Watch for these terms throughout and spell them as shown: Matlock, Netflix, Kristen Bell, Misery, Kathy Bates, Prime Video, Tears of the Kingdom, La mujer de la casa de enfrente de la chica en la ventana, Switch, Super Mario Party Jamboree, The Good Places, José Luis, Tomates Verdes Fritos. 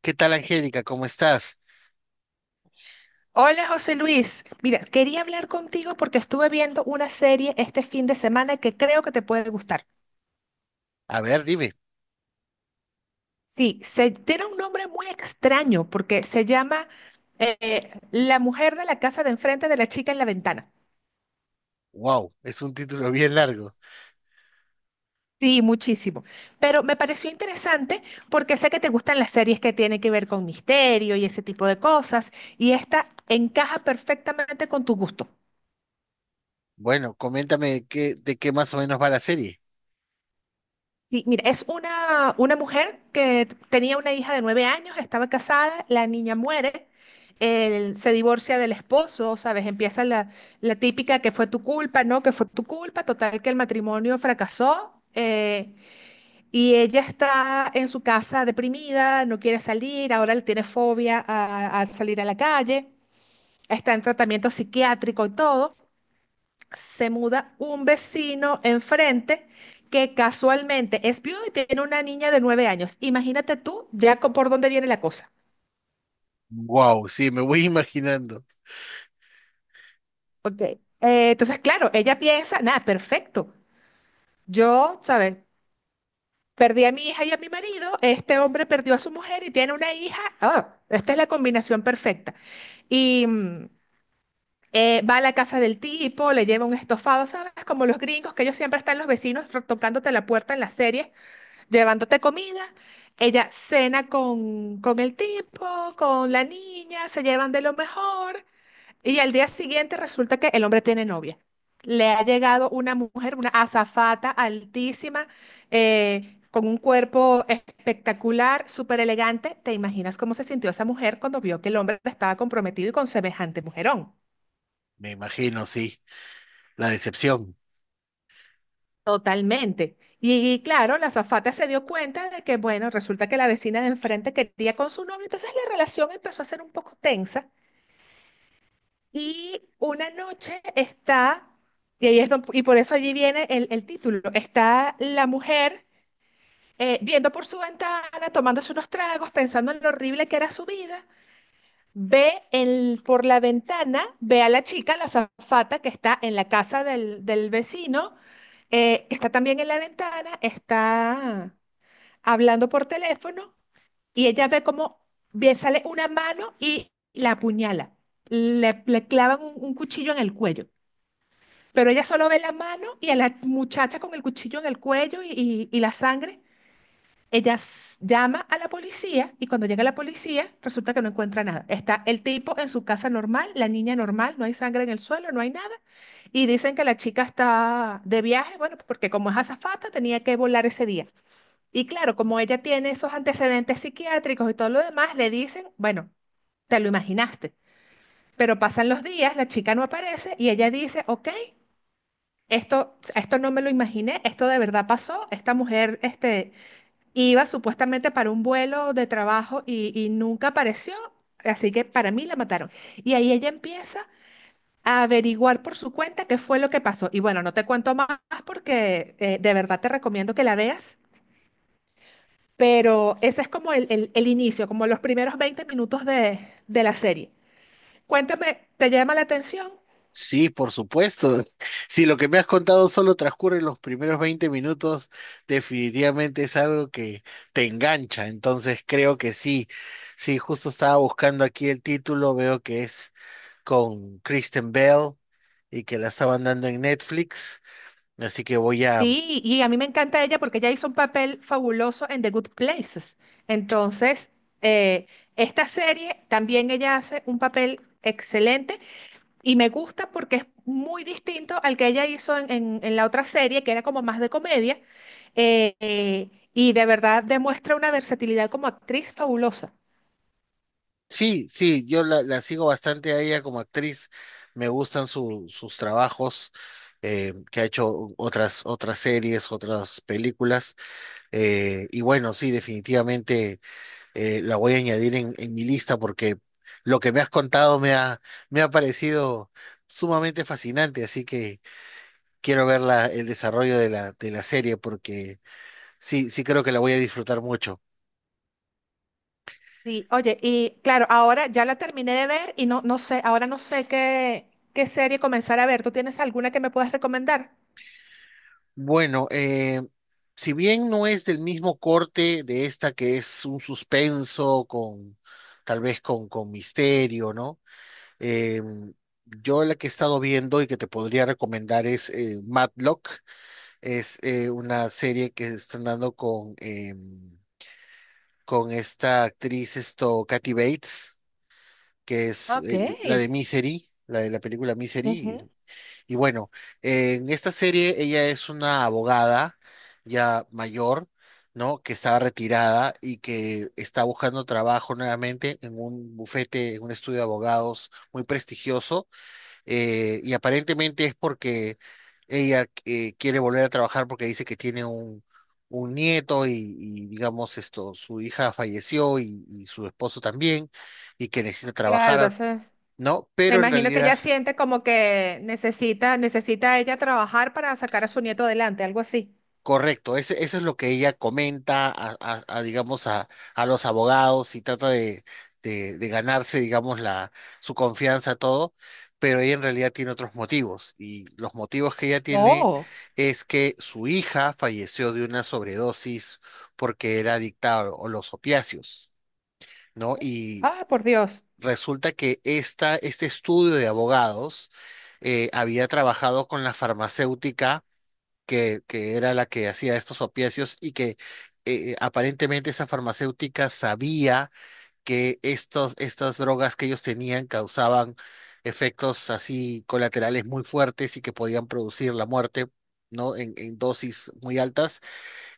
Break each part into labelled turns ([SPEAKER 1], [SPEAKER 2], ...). [SPEAKER 1] ¿Qué tal, Angélica? ¿Cómo estás?
[SPEAKER 2] Hola José Luis, mira, quería hablar contigo porque estuve viendo una serie este fin de semana que creo que te puede gustar.
[SPEAKER 1] A ver, dime.
[SPEAKER 2] Tiene un nombre muy extraño porque se llama La mujer de la casa de enfrente de la chica en la ventana.
[SPEAKER 1] Wow, es un título bien largo.
[SPEAKER 2] Sí, muchísimo. Pero me pareció interesante porque sé que te gustan las series que tienen que ver con misterio y ese tipo de cosas, y esta encaja perfectamente con tu gusto.
[SPEAKER 1] Bueno, coméntame de qué más o menos va la serie.
[SPEAKER 2] Sí, mira, es una mujer que tenía una hija de 9 años, estaba casada, la niña muere, él se divorcia del esposo, ¿sabes? Empieza la típica que fue tu culpa, ¿no? Que fue tu culpa, total que el matrimonio fracasó, y ella está en su casa deprimida, no quiere salir, ahora le tiene fobia a salir a la calle, está en tratamiento psiquiátrico y todo. Se muda un vecino enfrente que casualmente es viudo y tiene una niña de 9 años. Imagínate tú ya por dónde viene la cosa.
[SPEAKER 1] Wow, sí, me voy imaginando.
[SPEAKER 2] Ok. Entonces, claro, ella piensa, nada, perfecto. Yo, ¿sabes? Perdí a mi hija y a mi marido, este hombre perdió a su mujer y tiene una hija. Ah, esta es la combinación perfecta. Y mm, Va a la casa del tipo, le lleva un estofado, ¿sabes? Como los gringos, que ellos siempre están los vecinos tocándote la puerta en las series llevándote comida. Ella cena con el tipo, con la niña, se llevan de lo mejor. Y al día siguiente resulta que el hombre tiene novia. Le ha llegado una mujer, una azafata altísima, con un cuerpo espectacular, súper elegante. ¿Te imaginas cómo se sintió esa mujer cuando vio que el hombre estaba comprometido y con semejante mujerón?
[SPEAKER 1] Me imagino, sí. La decepción.
[SPEAKER 2] Totalmente. Y claro, la azafata se dio cuenta de que, bueno, resulta que la vecina de enfrente quería con su novio, entonces la relación empezó a ser un poco tensa. Y una noche está, y ahí es y por eso allí viene el título, está la mujer viendo por su ventana, tomándose unos tragos, pensando en lo horrible que era su vida. Ve por la ventana, ve a la chica, la azafata, que está en la casa del vecino, está también en la ventana, está hablando por teléfono, y ella ve cómo bien sale una mano y la apuñala. Le clavan un cuchillo en el cuello. Pero ella solo ve la mano y a la muchacha con el cuchillo en el cuello y la sangre. Ella llama a la policía y cuando llega la policía resulta que no encuentra nada. Está el tipo en su casa normal, la niña normal, no hay sangre en el suelo, no hay nada. Y dicen que la chica está de viaje, bueno, porque como es azafata tenía que volar ese día. Y claro, como ella tiene esos antecedentes psiquiátricos y todo lo demás, le dicen, bueno, te lo imaginaste. Pero pasan los días, la chica no aparece y ella dice, ok, esto no me lo imaginé, esto de verdad pasó, esta mujer, este iba supuestamente para un vuelo de trabajo y nunca apareció, así que para mí la mataron. Y ahí ella empieza a averiguar por su cuenta qué fue lo que pasó. Y bueno, no te cuento más porque de verdad te recomiendo que la veas, pero ese es como el inicio, como los primeros 20 minutos de la serie. Cuéntame, ¿te llama la atención?
[SPEAKER 1] Sí, por supuesto. Si lo que me has contado solo transcurre los primeros 20 minutos, definitivamente es algo que te engancha. Entonces creo que sí. Sí, justo estaba buscando aquí el título, veo que es con Kristen Bell y que la estaban dando en Netflix. Así que voy a...
[SPEAKER 2] Sí, y a mí me encanta ella porque ella hizo un papel fabuloso en The Good Places. Entonces, eh, esta serie también ella hace un papel excelente, y me gusta porque es muy distinto al que ella hizo en, en la otra serie, que era como más de comedia, y de verdad demuestra una versatilidad como actriz fabulosa.
[SPEAKER 1] Sí, sí, yo la sigo bastante a ella como actriz. Me gustan sus trabajos, que ha hecho otras series, otras películas. Y bueno, sí, definitivamente, la voy a añadir en mi lista porque lo que me has contado me ha parecido sumamente fascinante. Así que quiero ver el desarrollo de la serie porque sí, sí creo que la voy a disfrutar mucho.
[SPEAKER 2] Sí, oye, y claro, ahora ya la terminé de ver y no, no sé, ahora no sé qué, qué serie comenzar a ver. ¿Tú tienes alguna que me puedas recomendar?
[SPEAKER 1] Bueno, si bien no es del mismo corte de esta, que es un suspenso con tal vez con misterio, ¿no? Eh, yo, la que he estado viendo y que te podría recomendar es, Matlock, es, una serie que están dando con esta actriz, esto, Kathy Bates, que es,
[SPEAKER 2] Ok.
[SPEAKER 1] la de Misery, la de la película
[SPEAKER 2] Ujú.
[SPEAKER 1] Misery, y bueno, en esta serie ella es una abogada ya mayor, ¿no? Que estaba retirada y que está buscando trabajo nuevamente en un bufete, en un estudio de abogados muy prestigioso. Y aparentemente es porque ella, quiere volver a trabajar porque dice que tiene un nieto y, digamos esto, su hija falleció y su esposo también, y que necesita
[SPEAKER 2] Claro,
[SPEAKER 1] trabajar,
[SPEAKER 2] entonces
[SPEAKER 1] ¿no?
[SPEAKER 2] me
[SPEAKER 1] Pero en
[SPEAKER 2] imagino que
[SPEAKER 1] realidad...
[SPEAKER 2] ella siente como que necesita, necesita ella trabajar para sacar a su nieto adelante, algo así.
[SPEAKER 1] Correcto, eso es lo que ella comenta a, a, digamos, a los abogados y trata de, de ganarse, digamos, la, su confianza, todo, pero ella en realidad tiene otros motivos, y los motivos que ella tiene
[SPEAKER 2] Oh,
[SPEAKER 1] es que su hija falleció de una sobredosis porque era adicta a los opiáceos, ¿no? Y
[SPEAKER 2] ah, por Dios.
[SPEAKER 1] resulta que este estudio de abogados, había trabajado con la farmacéutica que era la que hacía estos opiáceos, y que, aparentemente esa farmacéutica sabía que estas drogas que ellos tenían causaban efectos así colaterales muy fuertes y que podían producir la muerte, ¿no? En dosis muy altas,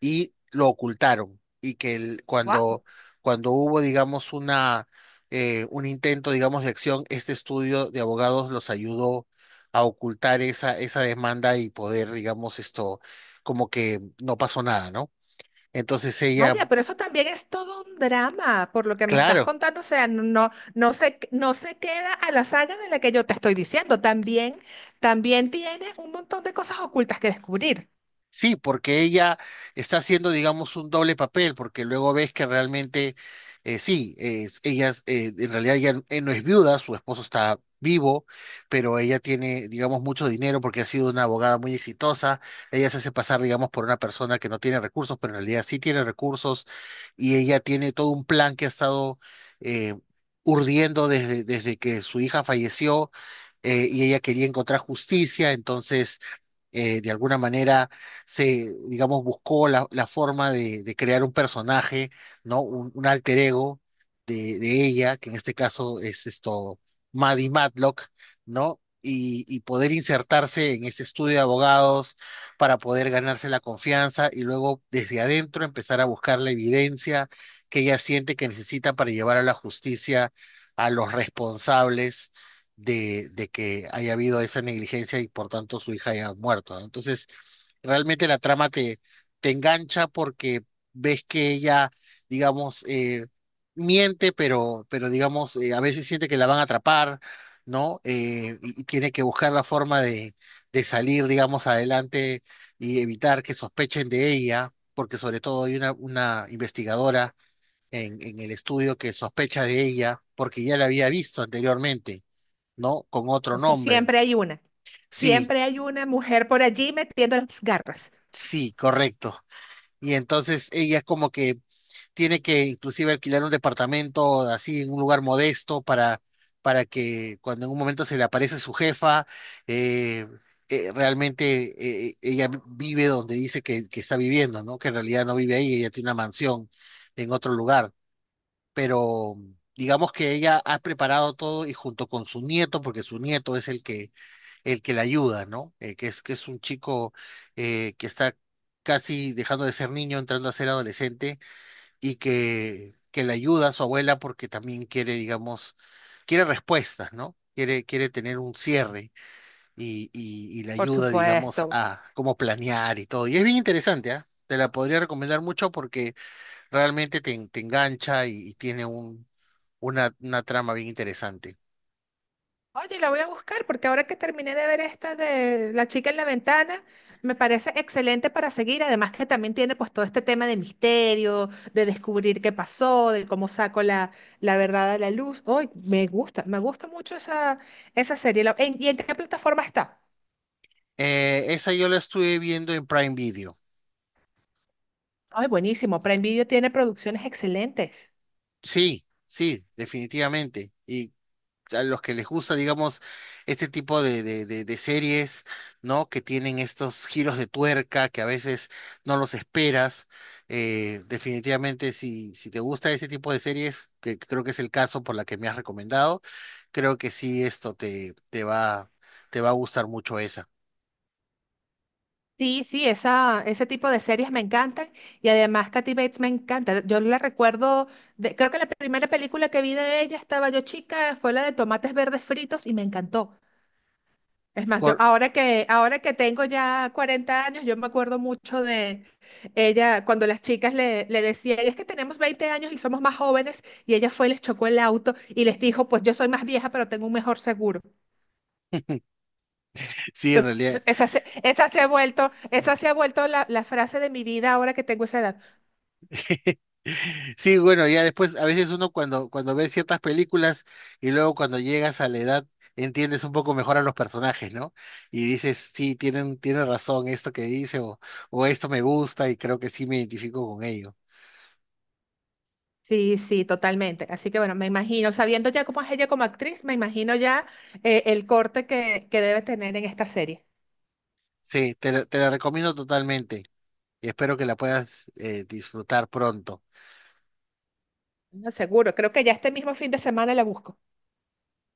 [SPEAKER 1] y lo ocultaron. Y que
[SPEAKER 2] Wow.
[SPEAKER 1] cuando, cuando hubo, digamos, una, un intento, digamos, de acción, este estudio de abogados los ayudó a ocultar esa, esa demanda y poder, digamos, esto, como que no pasó nada, ¿no? Entonces ella,
[SPEAKER 2] Vaya, pero eso también es todo un drama, por lo que me estás
[SPEAKER 1] claro.
[SPEAKER 2] contando. O sea, no, no se queda a la saga de la que yo te estoy diciendo. También, también tiene un montón de cosas ocultas que descubrir.
[SPEAKER 1] Sí, porque ella está haciendo, digamos, un doble papel, porque luego ves que realmente, en realidad ella, no es viuda, su esposo está vivo, pero ella tiene, digamos, mucho dinero porque ha sido una abogada muy exitosa. Ella se hace pasar, digamos, por una persona que no tiene recursos, pero en realidad sí tiene recursos, y ella tiene todo un plan que ha estado, eh, urdiendo desde, desde que su hija falleció, y ella quería encontrar justicia, entonces, de alguna manera se, digamos, buscó la, la forma de crear un personaje, ¿no? Un alter ego de ella, que en este caso es esto, Maddie Matlock, ¿no? Y poder insertarse en ese estudio de abogados para poder ganarse la confianza y luego desde adentro empezar a buscar la evidencia que ella siente que necesita para llevar a la justicia a los responsables de que haya habido esa negligencia y por tanto su hija haya muerto, ¿no? Entonces, realmente la trama te, te engancha porque ves que ella, digamos, miente, pero digamos, a veces siente que la van a atrapar, ¿no? Y, y tiene que buscar la forma de salir, digamos, adelante y evitar que sospechen de ella, porque sobre todo hay una investigadora en el estudio que sospecha de ella porque ya la había visto anteriormente. ¿No? Con otro
[SPEAKER 2] Es que
[SPEAKER 1] nombre.
[SPEAKER 2] siempre hay una.
[SPEAKER 1] Sí,
[SPEAKER 2] Siempre hay una mujer por allí metiendo las garras.
[SPEAKER 1] sí, correcto. Y entonces ella es como que tiene que inclusive alquilar un departamento así en un lugar modesto para que cuando en un momento se le aparece su jefa, eh, realmente, ella vive donde dice que está viviendo, ¿no? Que en realidad no vive ahí, ella tiene una mansión en otro lugar. Pero digamos que ella ha preparado todo y junto con su nieto, porque su nieto es el que, el que la ayuda, ¿no? Que es, que es un chico, que está casi dejando de ser niño, entrando a ser adolescente, y que le ayuda a su abuela porque también quiere, digamos, quiere respuestas, ¿no? Quiere, quiere tener un cierre, y le
[SPEAKER 2] Por
[SPEAKER 1] ayuda, digamos,
[SPEAKER 2] supuesto.
[SPEAKER 1] a cómo planear y todo. Y es bien interesante, ¿ah? Te la podría recomendar mucho porque realmente te, te engancha, y tiene un, una trama bien interesante.
[SPEAKER 2] Oye, la voy a buscar porque ahora que terminé de ver esta de La chica en la ventana, me parece excelente para seguir. Además que también tiene pues todo este tema de misterio, de descubrir qué pasó, de cómo saco la, la verdad a la luz. Hoy me gusta mucho esa, esa serie. ¿Y en qué plataforma está?
[SPEAKER 1] Esa yo la estuve viendo en Prime Video.
[SPEAKER 2] Ay, buenísimo. Prime Video tiene producciones excelentes.
[SPEAKER 1] Sí, sí, definitivamente. Y a los que les gusta, digamos, este tipo de series, ¿no? Que tienen estos giros de tuerca que a veces no los esperas. Definitivamente, si, si te gusta ese tipo de series, que creo que es el caso por la que me has recomendado, creo que sí, esto te, te va a gustar mucho esa.
[SPEAKER 2] Sí, sí, esa, ese tipo de series me encantan, y además Kathy Bates me encanta. Yo la recuerdo, creo que la primera película que vi de ella estaba yo chica, fue la de Tomates Verdes Fritos y me encantó. Es más, yo
[SPEAKER 1] Cor-
[SPEAKER 2] ahora que tengo ya 40 años, yo me acuerdo mucho de ella cuando las chicas le decían, es que tenemos 20 años y somos más jóvenes, y ella fue y les chocó el auto y les dijo, pues yo soy más vieja pero tengo un mejor seguro.
[SPEAKER 1] Sí, en realidad.
[SPEAKER 2] Entonces, esa se ha vuelto la frase de mi vida ahora que tengo esa edad.
[SPEAKER 1] Sí, bueno, ya después, a veces uno cuando, cuando ve ciertas películas y luego cuando llegas a la edad, entiendes un poco mejor a los personajes, ¿no? Y dices, sí, tienen, tiene razón esto que dice, o esto me gusta y creo que sí me identifico con ello.
[SPEAKER 2] Sí, sí, totalmente. Así que bueno, me imagino, sabiendo ya cómo es ella como actriz, me imagino ya, el corte que debe tener en esta serie.
[SPEAKER 1] Sí, te, te la recomiendo totalmente y espero que la puedas, disfrutar pronto.
[SPEAKER 2] No, seguro, creo que ya este mismo fin de semana la busco.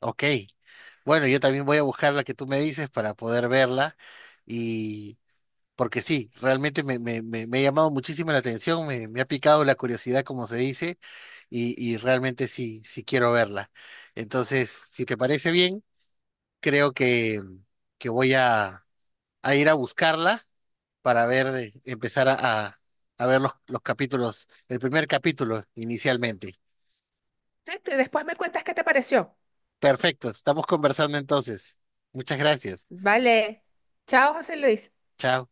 [SPEAKER 1] Ok, bueno, yo también voy a buscar la que tú me dices para poder verla porque sí, realmente me, me, me, me ha llamado muchísimo la atención, me ha picado la curiosidad, como se dice, y realmente sí, sí quiero verla. Entonces, si te parece bien, creo que voy a ir a buscarla para ver, empezar a, a ver los capítulos, el primer capítulo inicialmente.
[SPEAKER 2] Este, después me cuentas qué te pareció.
[SPEAKER 1] Perfecto, estamos conversando entonces. Muchas gracias.
[SPEAKER 2] Vale. Chao, José Luis.
[SPEAKER 1] Chao.